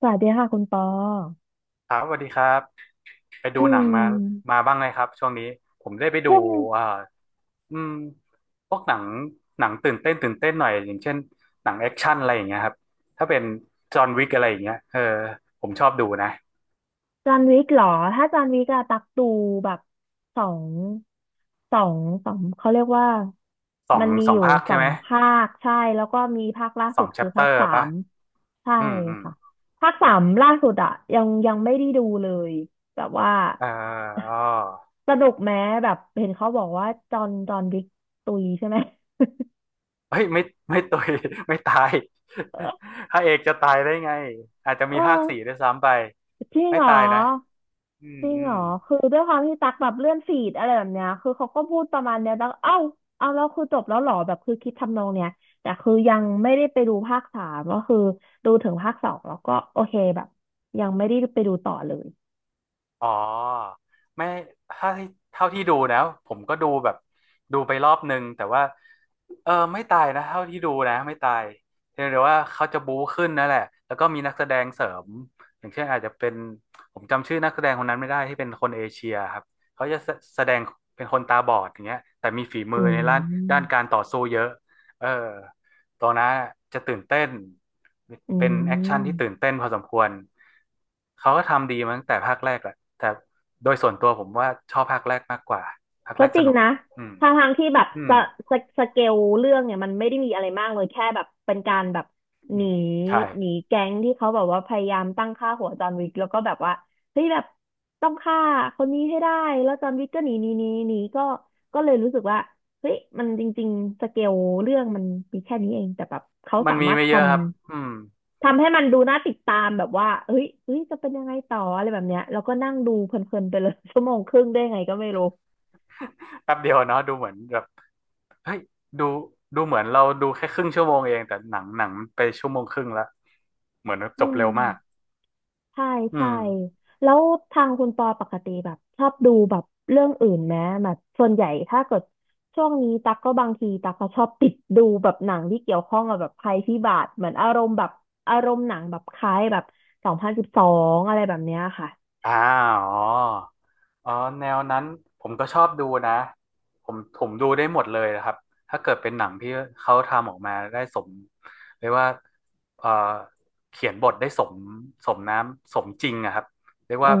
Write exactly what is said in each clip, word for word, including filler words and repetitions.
สวัสดีค่ะคุณปอครับสวัสดีครับไปอืดูหนังมามมาบ้างไหมครับช่วงนี้ผมได้ไปดูเช่วกเอ่ออืมพวกหนังหนังตื่นเต้นตื่นเต้นหน่อยอย่างเช่นหนังแอคชั่นอะไรอย่างเงี้ยครับถ้าเป็นจอห์นวิกอะไรอย่างเงี้ยเออผมชอบดูนะจันวิกเหรอ ถ้าจันวิกอะตักดูแบบสองสองสองเขาเรียกว่าสอมังนมีสอองยู่ภาคสใช่อไหมงภาคใช่แล้วก็มีภาคล่าสสุอดงแชคือปเตภาคอร์สาป่ะมใช่อืมอืมค่ะภาคสามล่าสุดอะยังยังไม่ได้ดูเลยแบบว่าเอออ้อสนุกแม้แบบเห็นเขาบอกว่าจอห์นจอห์นวิกตุยใช่ไหม เฮ้ยไม่ไม่ตุย ไม่ตาย พระเอกจะตายได้ไงอาจจะเอมีภาคอ สี่ด้วยซ้ำไปจริงไม่เหรอตายนะอืมจริงอืเหรม อคือด้วยความที่ตักแบบเลื่อนฟีดอะไรแบบเนี้ยคือเขาก็พูดประมาณเนี้ยแล้วเอ้าเอาแล้วคือจบแล้วเหรอแบบคือคิดทำนองเนี้ยแต่คือยังไม่ได้ไปดูภาคสามก็คือดูถึงภาคสองแล้วก็โอเคแบบยังไม่ได้ไปดูต่อเลยอ๋อไม่ถ้าที่เท่าที่ดูนะผมก็ดูแบบดูไปรอบนึงแต่ว่าเออไม่ตายนะเท่าที่ดูนะไม่ตายเพียงแต่ว่าเขาจะบู๊ขึ้นนั่นแหละแล้วก็มีนักแสดงเสริมอย่างเช่นอาจจะเป็นผมจำชื่อนักแสดงคนนั้นไม่ได้ที่เป็นคนเอเชียครับเขาจะแสแสดงเป็นคนตาบอดอย่างเงี้ยแต่มีฝีมือือในด้านด้านมการต่อสู้เยอะเออตัวนั้นจะตื่นเต้น อืเป็นแอคชั่นที่ตื่ม นเต้นพอสมควร เขาก็ทำดีมาตั้งแต่ภาคแรกแหละแต่โดยส่วนตัวผมว่าชอบภาคแรกมากกว่า ภาคก็แรกจสริงนุกนะอืมทางทางที่แบบอืสมสสเกลเรื่องเนี่ยมันไม่ได้มีอะไรมากเลยแค่แบบเป็นการแบบหนีใช่ หนีแก๊งที่เขาแบบว่าพยายามตั้งค่าหัวจอห์นวิกแล้วก็แบบว่าเฮ้ยแบบต้องฆ่าคนนี้ให้ได้แล้วจอห์นวิกก็หนีหนีหนีหนีก็ก็เลยรู้สึกว่าเฮ้ยมันจริงๆสเกลเรื่องมันมีแค่นี้เองแต่แบบเขามัสานมีมารถไม่ทเยอะครับอืำม ทำให้มันดูน่าติดตามแบบว่าเฮ้ยเอ้ยจะเป็นยังไงต่ออะไรแบบเนี้ยแล้วก็นั่งดูเพลินๆไปเลย ชั่วโมงครึ่งได้ไงก็ไม่รู้ แป๊บเดียวเนาะดูเหมือนแบบเฮ้ยดูดูเหมือนเราดูแค่ครึ่งชั่วโมงเอง แต่หนังหนังไปชั่วโมงครึ่งละเหมือนอืจบเร็วมากม ใช่อืใช่ม แล้วทางคุณปอปกติแบบชอบดูแบบเรื่องอื่นไหมแบบส่วนใหญ่ถ้าเกิดช่วงนี้ตักก็บางทีตักก็ชอบติดดูแบบหนังที่เกี่ยวข้องกับแบบภัยพิบัติเหมือนอารมณ์แบบอารมณ์หนังแบบคล้ายแบบสองพันสิบสองอะไรแบบเนี้ยค่ะอ่าอ๋ออ๋อแนวนั้นผมก็ชอบดูนะผมผมดูได้หมดเลยนะครับถ้าเกิดเป็นหนังที่เขาทำออกมาได้สมเรียกว่าเอ่อเขียนบทได้สมสมน้ำสมจริงอะครับเรียกอืว่า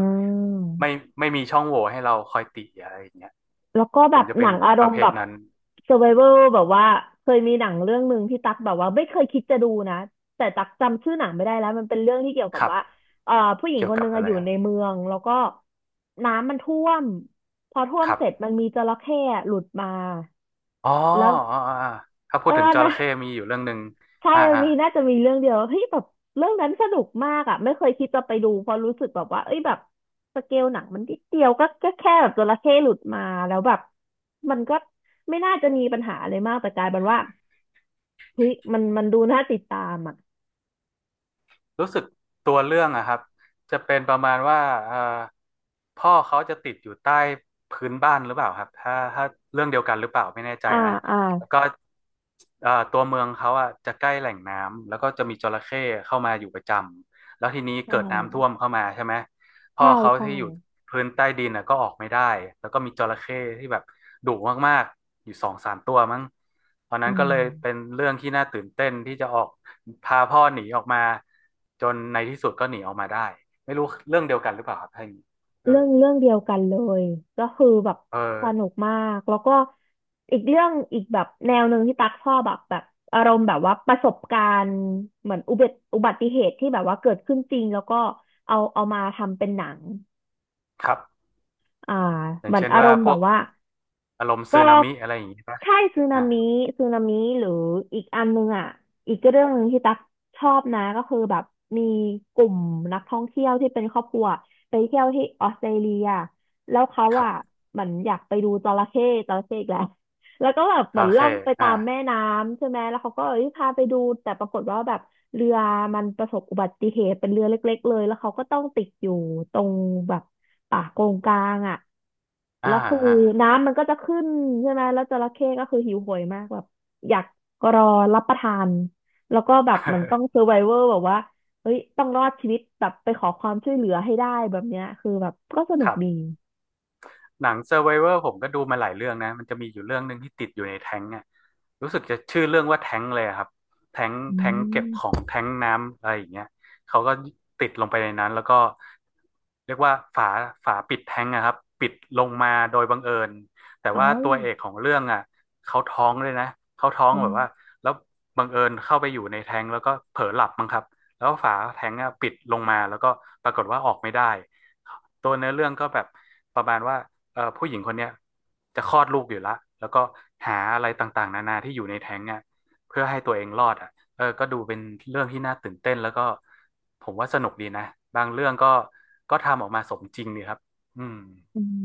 ม ไม่ไม่มีช่องโหว่ให้เราคอยติอะไรอย่างเงี้ยแล้วก็ผแบมบจะหเป็นันงอารประมเภณ์แบทบ นั้น survival แบบว่าเคยมีหนังเรื่องหนึ่งที่ตักแบบว่าไม่เคยคิดจะดูนะแต่ตักจำชื่อหนังไม่ได้แล้วมันเป็นเรื่องที่เกี่ยวกัคบรับว่าเอ่อผู้หญิงเกี่ยควนหกับนึ่งอะอะไรอยู่อะในเมืองแล้วก็น้ำมันท่วมพอท่วมครับเสร็จมันมีจระเข้อะหลุดมาอ๋อแล้วอ๋ออ๋ออ๋อถ้าพูเอดอถึงจนะ ระเข้มีอยู่เรื่องหนึ่งใช่อ่าอันอ่า นี้น่าจะมีเรื่องเดียวเฮ้ยแบบเรื่องนั้นสนุกมากอ่ะไม่เคยคิดจะไปดูเพราะรู้สึกแบบว่าเอ้ยแบบสเกลหนังมันนิดเดียวก็ก็แค่แบบจระเข้หลุดมาแล้วแบบมันก็ไม่น่าจะมีปัญหาอะไรมากแต่กลายเป็นว่าเฮ้ยมันมันดูน่าติดตามอ่ะรู้สึกตัวเรื่องอะครับจะเป็นประมาณว่าเอ่อพ่อเขาจะติดอยู่ใต้พื้นบ้านหรือเปล่าครับถ้าถ้าเรื่องเดียวกันหรือเปล่าไม่แน่ใจอ่านะอ่าแล้วก็เอ่อตัวเมืองเขาอะจะใกล้แหล่งน้ำแล้วก็จะมีจระเข้เข้ามาอยู่ประจำแล้วทีนี้ใชเกิดน้ำท่่ วมเข้ามาใช่ไหม พ่อใช่เขาใช่ที่อยู่พื้นใต้ดินน่ะก็ออกไม่ได้ แล้วก็มีจระเข้ที่แบบดุมากๆอยู่สองสามตัวมั้งตอนอืนั้นก็เลยเป็นม เรื่องที่น่าตื่นเต้นที่จะออกพาพ่อหนีออกมาจนในที่สุดก็หนีออกมาได้ไม่รู้เรื่องเดียวกันหรือเปล่าครับท่านเออเรื่องเรื่องเดียวกันเลยก็คือแบบเออสนุกมากแล้วก็อีกเรื่องอีกแบบแนวหนึ่งที่ตักชอบแบบแบบอารมณ์แบบว่าประสบการณ์เหมือนอุบัติอุบัติเหตุที่แบบว่าเกิดขึ้นจริงแล้วก็เอาเอามาทำเป็นหนังครับอ่าอย่าเหงมือนเช่นอารว่ามณ์พแบวบกว่า อารมณ์สึก็นามิอะไรอย่างนี้ป่ะใช่สึนาอ่ามิสึนามิหรืออีกอันนึงอ่ะอีกเรื่องหนึ่งที่ตักชอบนะก็คือแบบมีกลุ่มนักท่องเที่ยวที่เป็นครอบครัวไปเที่ยวที่ออสเตรเลียแล้วเขาครับอ่ะเหมือนอยากไปดูจระเข้จระเข้อีกแล้ว แล้วก็แบบจเหมือระนล่อเข้งไปตาอ่ามแม่น้ำใช่ไหมแล้วเขาก็เอ้ยพาไปดูแต่ปรากฏว่าแบบเรือมันประสบอุบัติเหตุเป็นเรือเล็กๆเลยแล้วเขาก็ต้องติดอยู่ตรงแบบ ป่าโกงกลางอ่ะอ่าแล้วคืออ่าน้ำมันก็จะขึ้นใช่ไหมแล้วจระเข้ก็คือหิวโหยมากแบบอยากรอรับประทานแล้วก็แบบมันต้องเซอร์ไ o เวอร์แบบว่าเฮ้ยต้องรอดชีวิตแบบไปขอความช่วยเหลือให้ได้แบบเนี้ยคือแบบก็สนุคกรับ ดีหนัง Survivor ผมก็ดูมาหลายเรื่องนะมันจะมีอยู่เรื่องหนึ่งที่ติดอยู่ในแท้งอ่ะรู้สึกจะชื่อเรื่องว่าแท้งเลยอะครับแท้งอืแท้งเก็บมของแท้งน้ำอะไรอย่างเงี้ยเขาก็ติดลงไปในนั้นแล้วก็เรียกว่าฝาฝาปิดแท้งอะครับปิดลงมาโดยบังเอิญแต่ว่าเอ้าตัวเอกของเรื่องอ่ะเขาท้องเลยนะเขาท้องอมแบบว่าแล้วบังเอิญเข้าไปอยู่ในแท้งแล้วก็เผลอหลับมั้งครับแล้วฝาแท้งอะปิดลงมาแล้วก็ปรากฏว่าออกไม่ได้ตัวเนื้อเรื่องก็แบบประมาณว่า เอ่อผู้หญิงคนเนี้ยจะคลอดลูกอยู่ละแล้วก็หาอะไรต่างๆนานาที่อยู่ในแท้งอ่ะเพื่อให้ตัวเองรอดอ่ะเออก็ดูเป็นเรื่องที่น่าตื่นเต้นแล้วก็ผมว่าสนุกดีนะ บางเรื่องก็ก็ทำออกมาสมจริงดีครับอืมอืม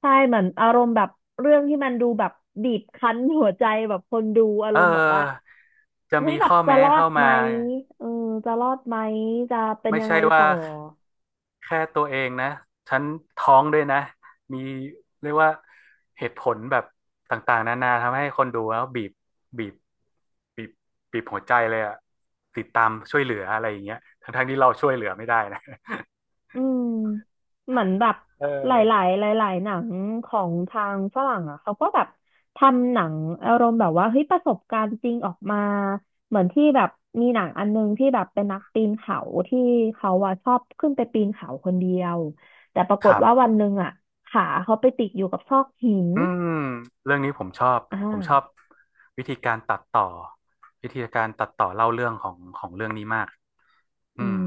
ใช่เหมือนอารมณ์แบบเรื่องที่มันดูแบบบีบคั้นหัวใจแบบคนดูอาเอรมณ์บอกว่าอจะเฮ้ยมีแบบข้อจะแม้รอดเข้าไหมมาเออจะรอดไหมจะเป็นไม่ยังใช่ไงว่า ต่อ แค่ตัวเองนะฉันท้องด้วยนะมีเรียกว่าเหตุผลแบบต่างๆนานาทำให้คนดูแล้วบีบบีบบีบบีบหัวใจเลยอะติดตามช่วยเหลืออะไรอย่างเงี้ยทั้งๆที่เราช่วยเหลือไม่ได้นะอืมเหมือนแบบเอหลอายๆหลายๆหนังของทางฝรั่งอ่ะเขาก็แบบทำหนังอารมณ์แบบว่าเฮ้ยประสบการณ์จริงออกมาเหมือนที่แบบมีหนังอันนึงที่แบบเป็นนักปีนเขาที่เขาอ่ะชอบขึ้นไปปีนเขาคนเดียวแต่ปราคกฏรัว่าวันบหนึ่งอ่ะขาเขาไปติดอยู่กับซอกหินอืมเรื่องนี้ผมชอบอ่ผมชอบา วิธีการตัดต่อวิธีการตัดต่อเล่าเรื่องของของเรื่องนี้มากอือืมม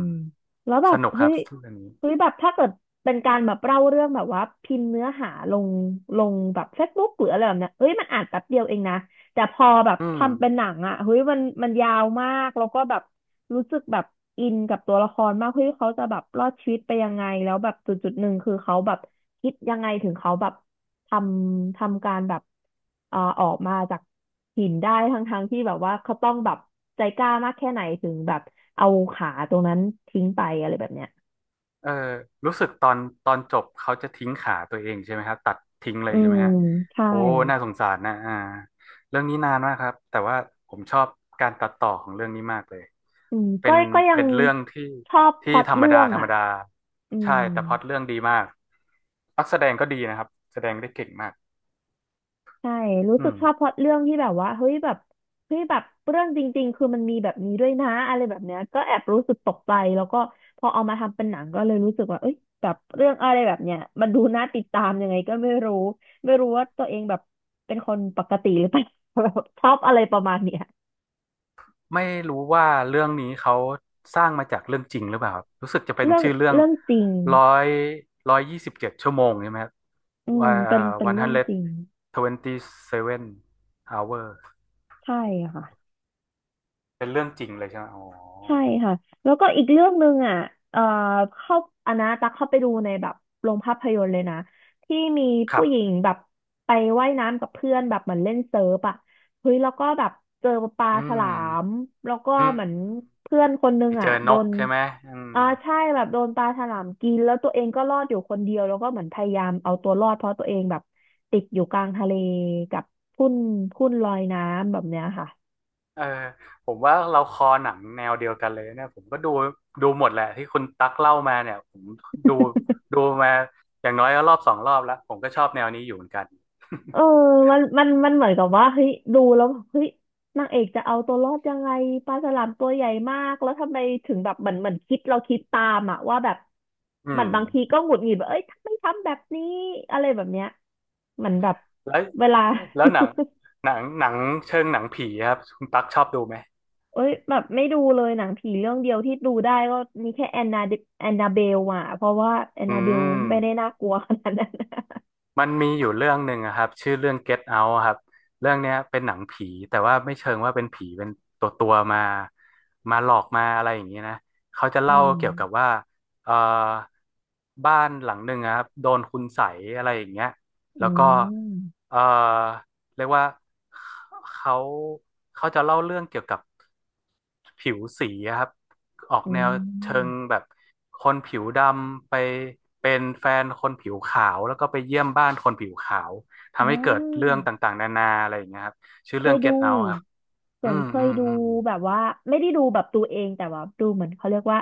แล้วแบสบนุกคเฮ้รับยเรื่องนี้เฮ้ยแบบถ้าเกิดเป็นการแบบเล่าเรื่องแบบว่าพิมพ์เนื้อหาลงลงแบบเฟซบุ๊กหรืออะไรแบบเนี้ยเฮ้ยมันอ่านแป๊บเดียวเองนะแต่พอแบบอืม ทำเป็นหนังอ่ะเฮ้ยมันมันยาวมากแล้วก็แบบรู้สึกแบบอินกับตัวละครมากเฮ้ยเขาจะแบบรอดชีวิตไปยังไงแล้วแบบจุดจุดหนึ่งคือเขาแบบคิดยังไงถึงเขาแบบ ทำทำการแบบเอ่อออกมาจากหินได้ทั้งทั้งที่แบบว่าเขาต้องแบบใจกล้ามากแค่ไหนถึงแบบเอาขาตรงนั้นทิ้งไปอะไรแบบเนี้ยเออรู้สึกตอนตอนจบเขาจะทิ้งขาตัวเองใช่ไหมครับตัดทิ้งเลอืยใช่ไหมมฮะใช่โอ้น่าสงสารนะอ่าเรื่องนี้นานมากครับแต่ว่าผมชอบการตัดต่อของเรื่องนี้มากเลยอืมเป็ก็นก็ยังเป็นเรื่องที่ชอบพที่ล็อตธรรมเรื่ดาองธรรมอ่ะดาอืใช่ม แต่พล็อตเรื่องดีมากนักแสดงก็ดีนะครับแสดงได้เก่งมากใช่รู้สึอืกม ชอบพล็อตเรื่องที่แบบว่าเฮ้ยแบบเฮ้ยแบบเรื่องจริงๆ คือมันมีแบบนี้ด้วยนะอะไรแบบเนี้ยก็แอบรู้สึกตกใจแล้วก็พอเอามาทำเป็นหนังก็เลยรู้สึกว่าเอ้ยแบบเรื่องอะไรแบบเนี้ยมันดูน่าติดตามยังไงก็ไม่รู้ ไม่รู้ว่าตัวเองแบบเป็นคนปกติหรือเปล่า แบบชอบอะไรประมาณเนี้ยไม่รู้ว่าเรื่องนี้เขาสร้างมาจากเรื่องจริงหรือเปล่าครับรู้สึกจะเป็นเรื่องชื่อเรื่องเรื่องจริงร้อยร้อยยี่สิบเจ็ดชั่วโมงใช่ไหมครับอืมว่าเอ่เป็อนเป็นวันเรื่ฮัอนงเลดจริง ทเวนตี้เซเว่นอเวอร์ใช่ค่ะ เป็นเรื่องจริงเลยใช่ไหมอ๋อใช่ค่ะแล้วก็อีกเรื่องหนึ่งอ่ะเอ่อเข้าอันนะตักเข้าไปดูในแบบโรงภาพยนตร์เลยนะที่มีครัผู้หญิงบแบบไปว่ายน้ำกับเพื่อนแบบเหมือนเล่นเซิร์ฟอ่ะเฮ้ยแล้วก็แบบเจอปลาอืฉลามมแล้วก็อืมเหมือนเพื่อนคนนึไปงเจอ่ะอโดนกนใช่ไหมอืม อ่าใช่แบบโดนปลาฉลามกินแล้วตัวเองก็รอดอยู่คนเดียวแล้วก็เหมือนพยายามเอาตัวรอดเพราะตัวเองแบบติดอยู่กลางทะเลกับทุ่นทุ่นลอยน้ำแบบเนี้ยค่ะ เออผมว่าเราคอหนังแนวเดียวกันเลยเนี่ยผมก็ดูดูหมดแหละที่คุณตั๊กเล่ามาเนี่ยผมดูดูมาอย่างน้อยก็รอบสองรอบแล้วผมก็ชอบแนวนี้อยู่เหมือนกัน เออมันมันมันเหมือนกับว่าเฮ้ยดูแล้วแบบเฮ้ยนางเอกจะเอาตัวรอดยังไงปลาฉลามตัวใหญ่มากแล้วทำไมถึงแบบเหมือนเหมือนคิดเราคิดตามอะว่าแบบ อืเหมือนมบางทีก็หงุดหงิดแบบเอ้ยทำไมทำแบบนี้อะไรแบบเนี้ยเหมือนแบบแล้วเวลา แล้วหนังหนังหนังเชิงหนังผีครับคุณตั๊กชอบดูไหม เอ้ยแบบไม่ดูเลยหนังผีเรื่องเดียวที่ดูได้ก็มีแค่แอนนาแอนนาเบลอ่ะเพราะว่าแอนอืนาเบลไม่ได้ม น่ากลัวขนาดนั้นมันมีอยู่เรื่องหนึ่งอะครับชื่อเรื่อง Get Out อะครับเรื่องเนี้ยเป็นหนังผีแต่ว่าไม่เชิงว่าเป็นผีเป็นตัวตัวมามาหลอกมาอะไรอย่างนี้นะเขาจะอืเล่ามเกี่ยวกับว่าเอ่อบ้านหลังหนึ่งอะครับโดนคุณใสยอะไรอย่างเงี้ยแล้อืวก็มเอ่อเรียกว่าเขาเขาจะเล่าเรื่องเกี่ยวกับ ผิวสีอะครับออกอืแนวเชิงมแบบคนผิวดำไปเป็นแฟนคนผิวขาวแล้วก็ไปเยี่ยมบ้านคนผิวขาวอ่ทำให้เกิดเรื่องา ต่างๆนานาอะไรอย่างเงี้ยครับเคยเก็ดู ตเอาครับส่อืวนมเคอืยมดูอืมแบบว่าไม่ได้ดูแบบตัวเองแต่ว่าดูเหมือนเขาเรียกว่า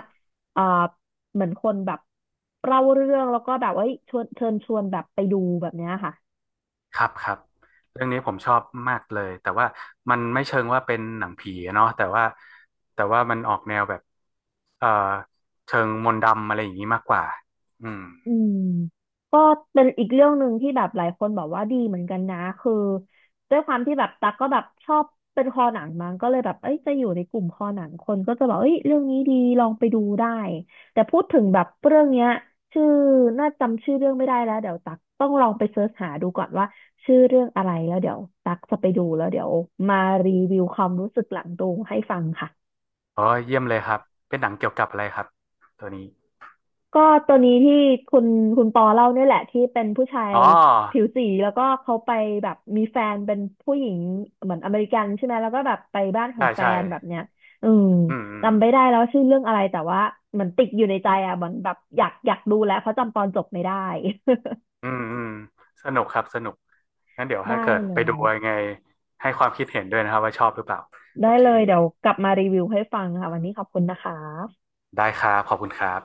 เอ่อเหมือนคนแบบเล่าเรื่องแล้วก็แบบว่าเอ้ยชวนเชิญชวนแบบไปดูแบบเนี้ยค่ะครับครับเรื่องนี้ผมชอบมากเลยแต่ว่ามันไม่เชิงว่าเป็นหนังผีอะเนาะแต่ว่าแต่ว่ามันออกแนวแบบเอ่อเชิงมนต์ดำอะไรอย่างนี้มากกว่าอืมอืม เป็นอีกเรื่องหนึ่งที่แบบหลายคนบอกว่าดีเหมือนกันนะคือด้วยความที่แบบตักก็แบบชอบเป็นคอหนังมั้งก็เลยแบบเอ้ยจะอยู่ในกลุ่มคอหนังคนก็จะบอกเอ้ยเรื่องนี้ดีลองไปดูได้แต่พูดถึงแบบเรื่องเนี้ยชื่อน่าจำชื่อเรื่องไม่ได้แล้วเดี๋ยวตักต้องลองไปเสิร์ชหาดูก่อนว่าชื่อเรื่องอะไรแล้วเดี๋ยวตักจะไปดูแล้วเดี๋ยวมารีวิวความรู้สึกหลังดูให้ฟังค่ะ อ๋อเยี่ยมเลยครับเป็นหนังเกี่ยวกับอะไรครับตัวนี้ก็ตัวนี้ที่คุณคุณปอเล่าเนี่ยแหละที่เป็นผู้ชายอ๋อผิวสีแล้วก็เขาไปแบบมีแฟนเป็นผู้หญิงเหมือนอเมริกันใช่ไหมแล้วก็แบบไปบ้านขอใช่งแฟใช่ นแบบเนี้ยอืมอืมอืมจำไม่ได้แล้วว่าชื่อเรื่องอะไรแต่ว่าเหมือนติดอยู่ในใจอ่ะเหมือนแบบอยากอยากดูแล้วเพราะจำตอนจบไม่ได้ อืมอืมสนุกครับสนุกงั้นเดี๋ยว ถ้าได้เกิดเลไปดูยยังไงให้ความคิดเห็นด้วยนะครับว่าชอบหรือเปล่าโอได้เคเลยเดี๋ยวกลับมารีวิวให้ฟังค่ะวันนี้ขอบคุณนะคะได้ครับขอบคุณครับ